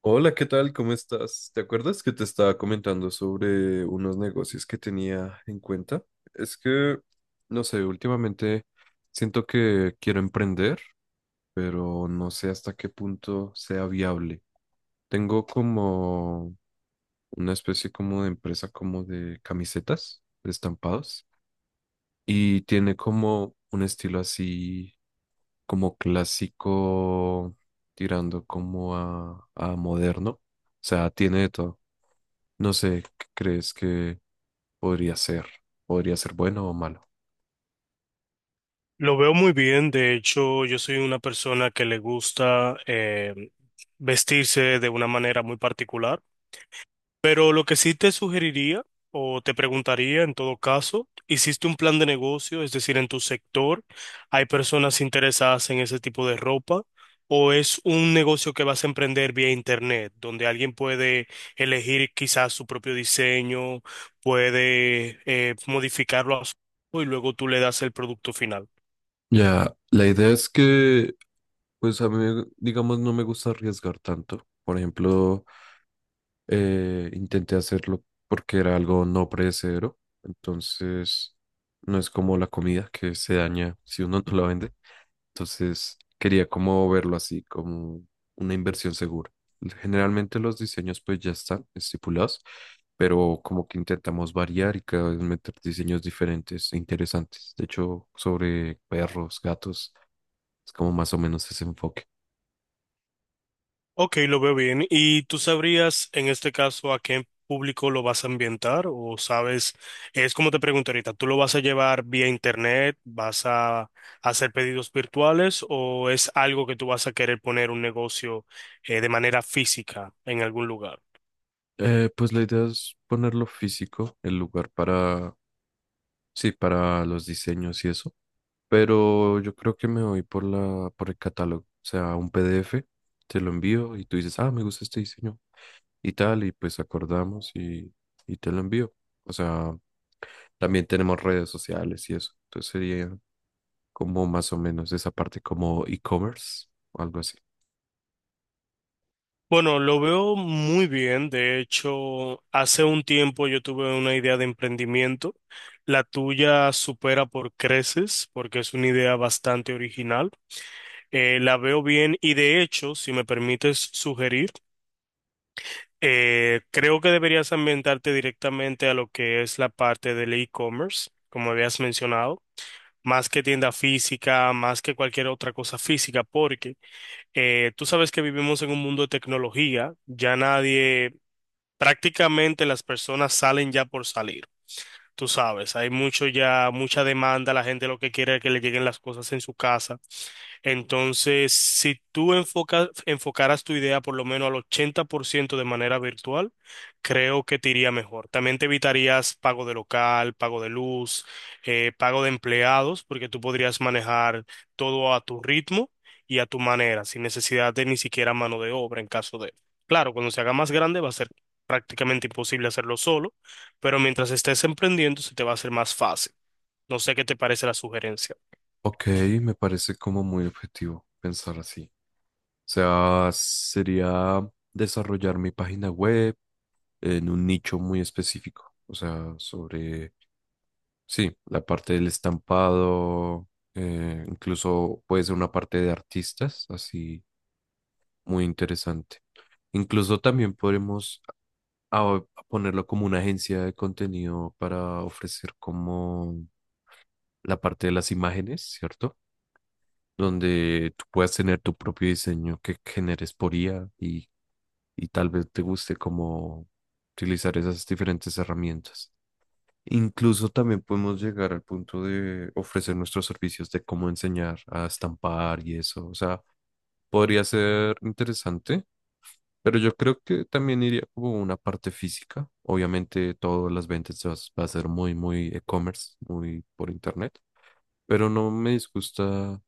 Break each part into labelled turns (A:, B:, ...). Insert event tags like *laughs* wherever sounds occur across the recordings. A: Hola, ¿qué tal? ¿Cómo estás? ¿Te acuerdas que te estaba comentando sobre unos negocios que tenía en cuenta? Es que, no sé, últimamente siento que quiero emprender, pero no sé hasta qué punto sea viable. Tengo como una especie como de empresa como de camisetas, de estampados, y tiene como un estilo así como clásico, tirando como a moderno. O sea, tiene de todo. No sé, ¿qué crees que podría ser? ¿Podría ser bueno o malo?
B: Lo veo muy bien. De hecho, yo soy una persona que le gusta, vestirse de una manera muy particular, pero lo que sí te sugeriría o te preguntaría en todo caso, ¿hiciste un plan de negocio? Es decir, en tu sector, ¿hay personas interesadas en ese tipo de ropa? ¿O es un negocio que vas a emprender vía internet, donde alguien puede elegir quizás su propio diseño, puede, modificarlo a su y luego tú le das el producto final?
A: Ya, la idea es que, pues a mí, digamos, no me gusta arriesgar tanto. Por ejemplo, intenté hacerlo porque era algo no predecedero. Entonces, no es como la comida que se daña si uno *laughs* no la vende. Entonces, quería como verlo así, como una inversión segura. Generalmente los diseños pues ya están estipulados, pero como que intentamos variar y cada vez meter diseños diferentes e interesantes. De hecho, sobre perros, gatos, es como más o menos ese enfoque.
B: Ok, lo veo bien. ¿Y tú sabrías en este caso a qué público lo vas a ambientar? O sabes, es como te pregunto ahorita, ¿tú lo vas a llevar vía internet? ¿Vas a hacer pedidos virtuales? ¿O es algo que tú vas a querer poner un negocio de manera física en algún lugar?
A: Pues la idea es ponerlo físico, el lugar para, sí, para los diseños y eso, pero yo creo que me voy por por el catálogo, o sea, un PDF, te lo envío y tú dices, ah, me gusta este diseño y tal, y pues acordamos y te lo envío. O sea, también tenemos redes sociales y eso. Entonces sería como más o menos esa parte como e-commerce o algo así.
B: Bueno, lo veo muy bien. De hecho, hace un tiempo yo tuve una idea de emprendimiento. La tuya supera por creces porque es una idea bastante original. La veo bien y, de hecho, si me permites sugerir, creo que deberías ambientarte directamente a lo que es la parte del e-commerce, como habías mencionado, más que tienda física, más que cualquier otra cosa física, porque tú sabes que vivimos en un mundo de tecnología, ya nadie, prácticamente las personas salen ya por salir. Tú sabes, hay mucho ya, mucha demanda, la gente lo que quiere es que le lleguen las cosas en su casa. Entonces, si tú enfocaras tu idea por lo menos al 80% de manera virtual, creo que te iría mejor. También te evitarías pago de local, pago de luz, pago de empleados, porque tú podrías manejar todo a tu ritmo y a tu manera, sin necesidad de ni siquiera mano de obra en caso de... Claro, cuando se haga más grande va a ser prácticamente imposible hacerlo solo, pero mientras estés emprendiendo se te va a hacer más fácil. No sé qué te parece la sugerencia.
A: Ok, me parece como muy objetivo pensar así. O sea, sería desarrollar mi página web en un nicho muy específico. O sea, sobre, sí, la parte del estampado, incluso puede ser una parte de artistas, así. Muy interesante. Incluso también podremos a- ponerlo como una agencia de contenido para ofrecer como la parte de las imágenes, ¿cierto? Donde tú puedas tener tu propio diseño que generes por IA y tal vez te guste como utilizar esas diferentes herramientas. Incluso también podemos llegar al punto de ofrecer nuestros servicios de cómo enseñar a estampar y eso. O sea, podría ser interesante. Pero yo creo que también iría como una parte física. Obviamente todas las ventas va a ser muy, muy e-commerce, muy por internet. Pero no me disgusta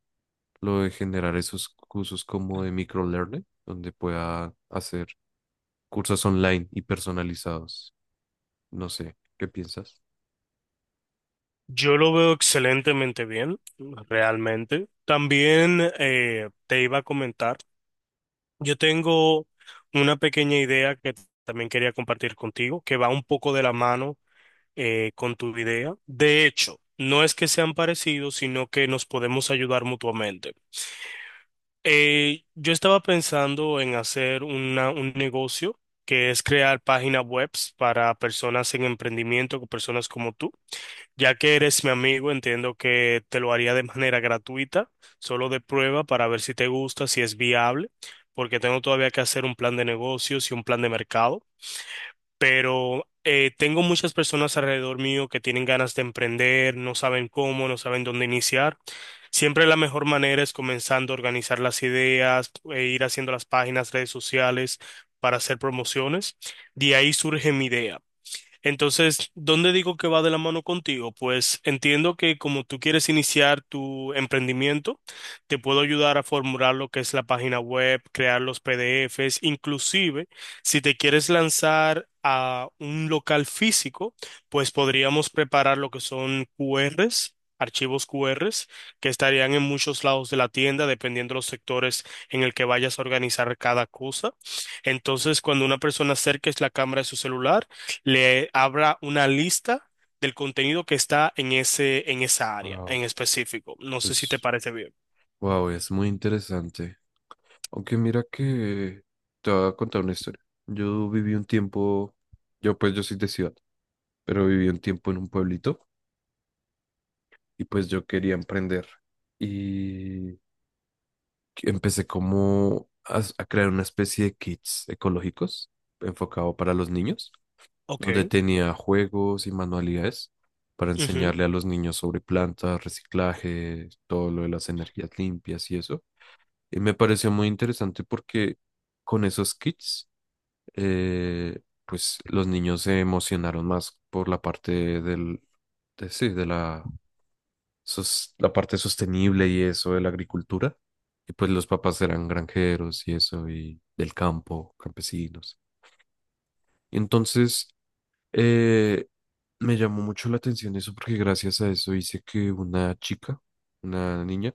A: lo de generar esos cursos como de microlearning, donde pueda hacer cursos online y personalizados. No sé, ¿qué piensas?
B: Yo lo veo excelentemente bien, realmente. También, te iba a comentar, yo tengo una pequeña idea que también quería compartir contigo, que va un poco de la mano con tu idea. De hecho, no es que sean parecidos, sino que nos podemos ayudar mutuamente. Yo estaba pensando en hacer un negocio que es crear páginas webs para personas en emprendimiento, con personas como tú. Ya que eres mi amigo, entiendo que te lo haría de manera gratuita, solo de prueba para ver si te gusta, si es viable, porque tengo todavía que hacer un plan de negocios y un plan de mercado, pero tengo muchas personas alrededor mío que tienen ganas de emprender, no saben cómo, no saben dónde iniciar. Siempre la mejor manera es comenzando a organizar las ideas, e ir haciendo las páginas, redes sociales para hacer promociones. De ahí surge mi idea. Entonces, ¿dónde digo que va de la mano contigo? Pues entiendo que como tú quieres iniciar tu emprendimiento, te puedo ayudar a formular lo que es la página web, crear los PDFs, inclusive si te quieres lanzar a un local físico, pues podríamos preparar lo que son QRs, archivos QRs que estarían en muchos lados de la tienda, dependiendo de los sectores en el que vayas a organizar cada cosa. Entonces, cuando una persona acerque la cámara de su celular, le abra una lista del contenido que está en ese, en esa área
A: Wow.
B: en específico. No sé si te
A: Pues,
B: parece bien.
A: wow, es muy interesante. Aunque mira que te voy a contar una historia. Yo viví un tiempo, yo pues yo soy de ciudad, pero viví un tiempo en un pueblito y pues yo quería emprender. Y empecé como a crear una especie de kits ecológicos enfocado para los niños,
B: Ok.
A: donde tenía juegos y manualidades para
B: Ujú.
A: enseñarle a los niños sobre plantas, reciclaje, todo lo de las energías limpias y eso. Y me pareció muy interesante porque con esos kits, eh, pues los niños se emocionaron más por la parte de, sí, de la la parte sostenible y eso de la agricultura. Y pues los papás eran granjeros y eso, y del campo, campesinos. Entonces, eh, me llamó mucho la atención eso porque gracias a eso hice que una chica, una niña,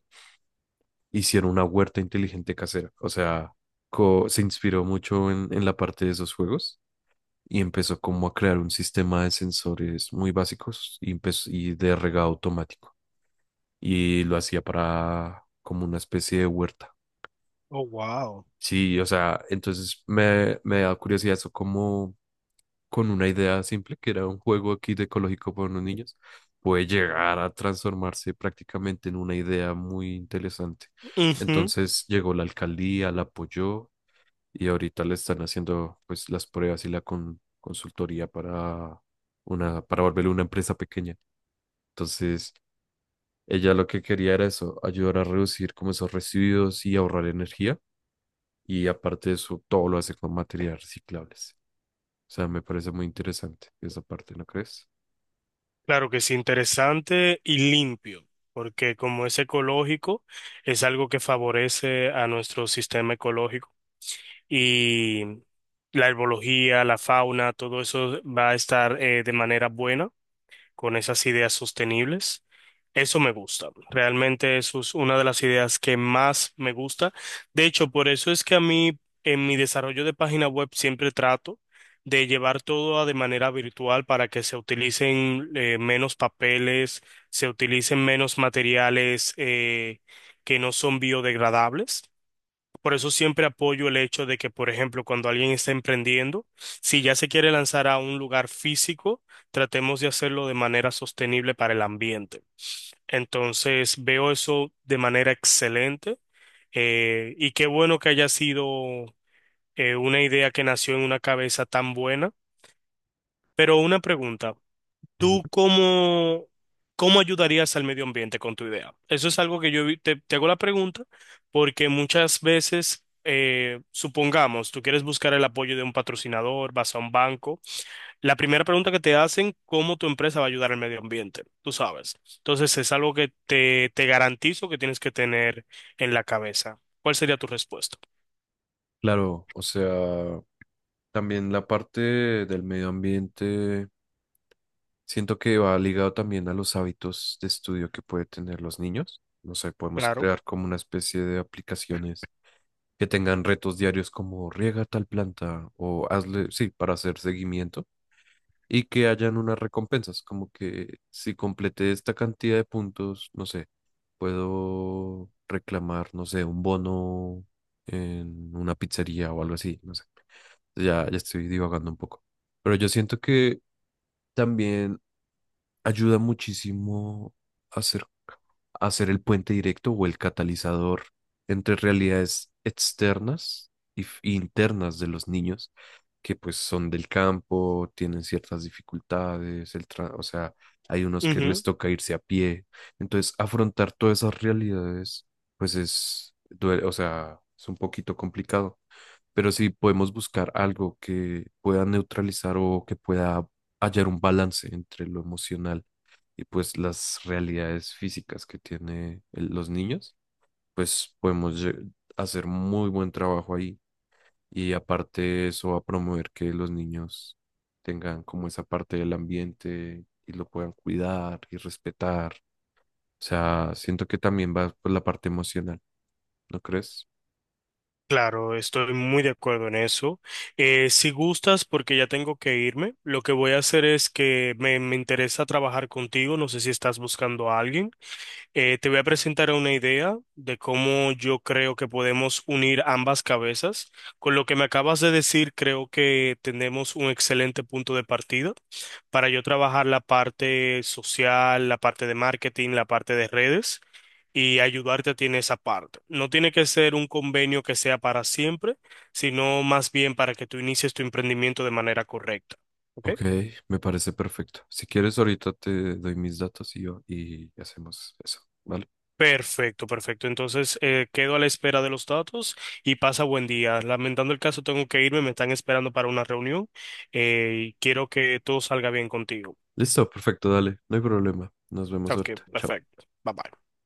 A: hiciera una huerta inteligente casera. O sea, se inspiró mucho en la parte de esos juegos y empezó como a crear un sistema de sensores muy básicos y de regado automático, y lo hacía para como una especie de huerta.
B: Oh, wow.
A: Sí, o sea, entonces me da curiosidad eso como con una idea simple, que era un juego aquí de ecológico para unos niños, puede llegar a transformarse prácticamente en una idea muy interesante.
B: Ujú.
A: Entonces llegó la alcaldía, la apoyó y ahorita le están haciendo pues las pruebas y la consultoría para para volverlo una empresa pequeña. Entonces... Ella lo que quería era eso, ayudar a reducir como esos residuos y ahorrar energía. Y aparte de eso, todo lo hace con materiales reciclables. O sea, me parece muy interesante esa parte, ¿no crees?
B: Claro que sí, interesante y limpio, porque como es ecológico, es algo que favorece a nuestro sistema ecológico y la herbología, la fauna, todo eso va a estar, de manera buena, con esas ideas sostenibles. Eso me gusta. Realmente eso es una de las ideas que más me gusta. De hecho, por eso es que a mí en mi desarrollo de página web siempre trato de llevar todo de manera virtual para que se utilicen, menos papeles, se utilicen menos materiales, que no son biodegradables. Por eso siempre apoyo el hecho de que, por ejemplo, cuando alguien está emprendiendo, si ya se quiere lanzar a un lugar físico, tratemos de hacerlo de manera sostenible para el ambiente. Entonces, veo eso de manera excelente, y qué bueno que haya sido una idea que nació en una cabeza tan buena. Pero una pregunta,
A: Em,
B: ¿tú cómo, cómo ayudarías al medio ambiente con tu idea? Eso es algo que yo te, te hago la pregunta porque muchas veces, supongamos, tú quieres buscar el apoyo de un patrocinador, vas a un banco. La primera pregunta que te hacen, ¿cómo tu empresa va a ayudar al medio ambiente? Tú sabes. Entonces es algo que te garantizo que tienes que tener en la cabeza. ¿Cuál sería tu respuesta?
A: Claro, o sea, también la parte del medio ambiente, siento que va ligado también a los hábitos de estudio que pueden tener los niños. No sé, podemos
B: Claro.
A: crear como una especie de aplicaciones que tengan retos diarios como riega tal planta o hazle, sí, para hacer seguimiento y que hayan unas recompensas, como que si completé esta cantidad de puntos, no sé, puedo reclamar, no sé, un bono en una pizzería o algo así, no sé. Ya, ya estoy divagando un poco. Pero yo siento que también ayuda muchísimo a hacer, a hacer el puente directo o el catalizador entre realidades externas e internas de los niños que pues son del campo, tienen ciertas dificultades, o sea, hay unos que les toca irse a pie. Entonces, afrontar todas esas realidades pues es, o sea, es un poquito complicado. Pero si podemos buscar algo que pueda neutralizar o que pueda hallar un balance entre lo emocional y pues las realidades físicas que tiene los niños, pues hacer muy buen trabajo ahí. Y aparte eso va a promover que los niños tengan como esa parte del ambiente y lo puedan cuidar y respetar. O sea, siento que también va por la parte emocional, ¿no crees?
B: Claro, estoy muy de acuerdo en eso. Si gustas, porque ya tengo que irme, lo que voy a hacer es que me interesa trabajar contigo, no sé si estás buscando a alguien. Te voy a presentar una idea de cómo yo creo que podemos unir ambas cabezas. Con lo que me acabas de decir, creo que tenemos un excelente punto de partida para yo trabajar la parte social, la parte de marketing, la parte de redes y ayudarte a ti en esa parte. No tiene que ser un convenio que sea para siempre, sino más bien para que tú inicies tu emprendimiento de manera correcta. ¿Ok?
A: Ok, me parece perfecto. Si quieres, ahorita te doy mis datos y hacemos eso, ¿vale?
B: Perfecto, perfecto. Entonces, quedo a la espera de los datos y pasa buen día. Lamentando el caso, tengo que irme, me están esperando para una reunión, y quiero que todo salga bien contigo.
A: Listo, perfecto, dale, no hay problema. Nos vemos
B: Ok,
A: ahorita. Chao.
B: perfecto. Bye bye.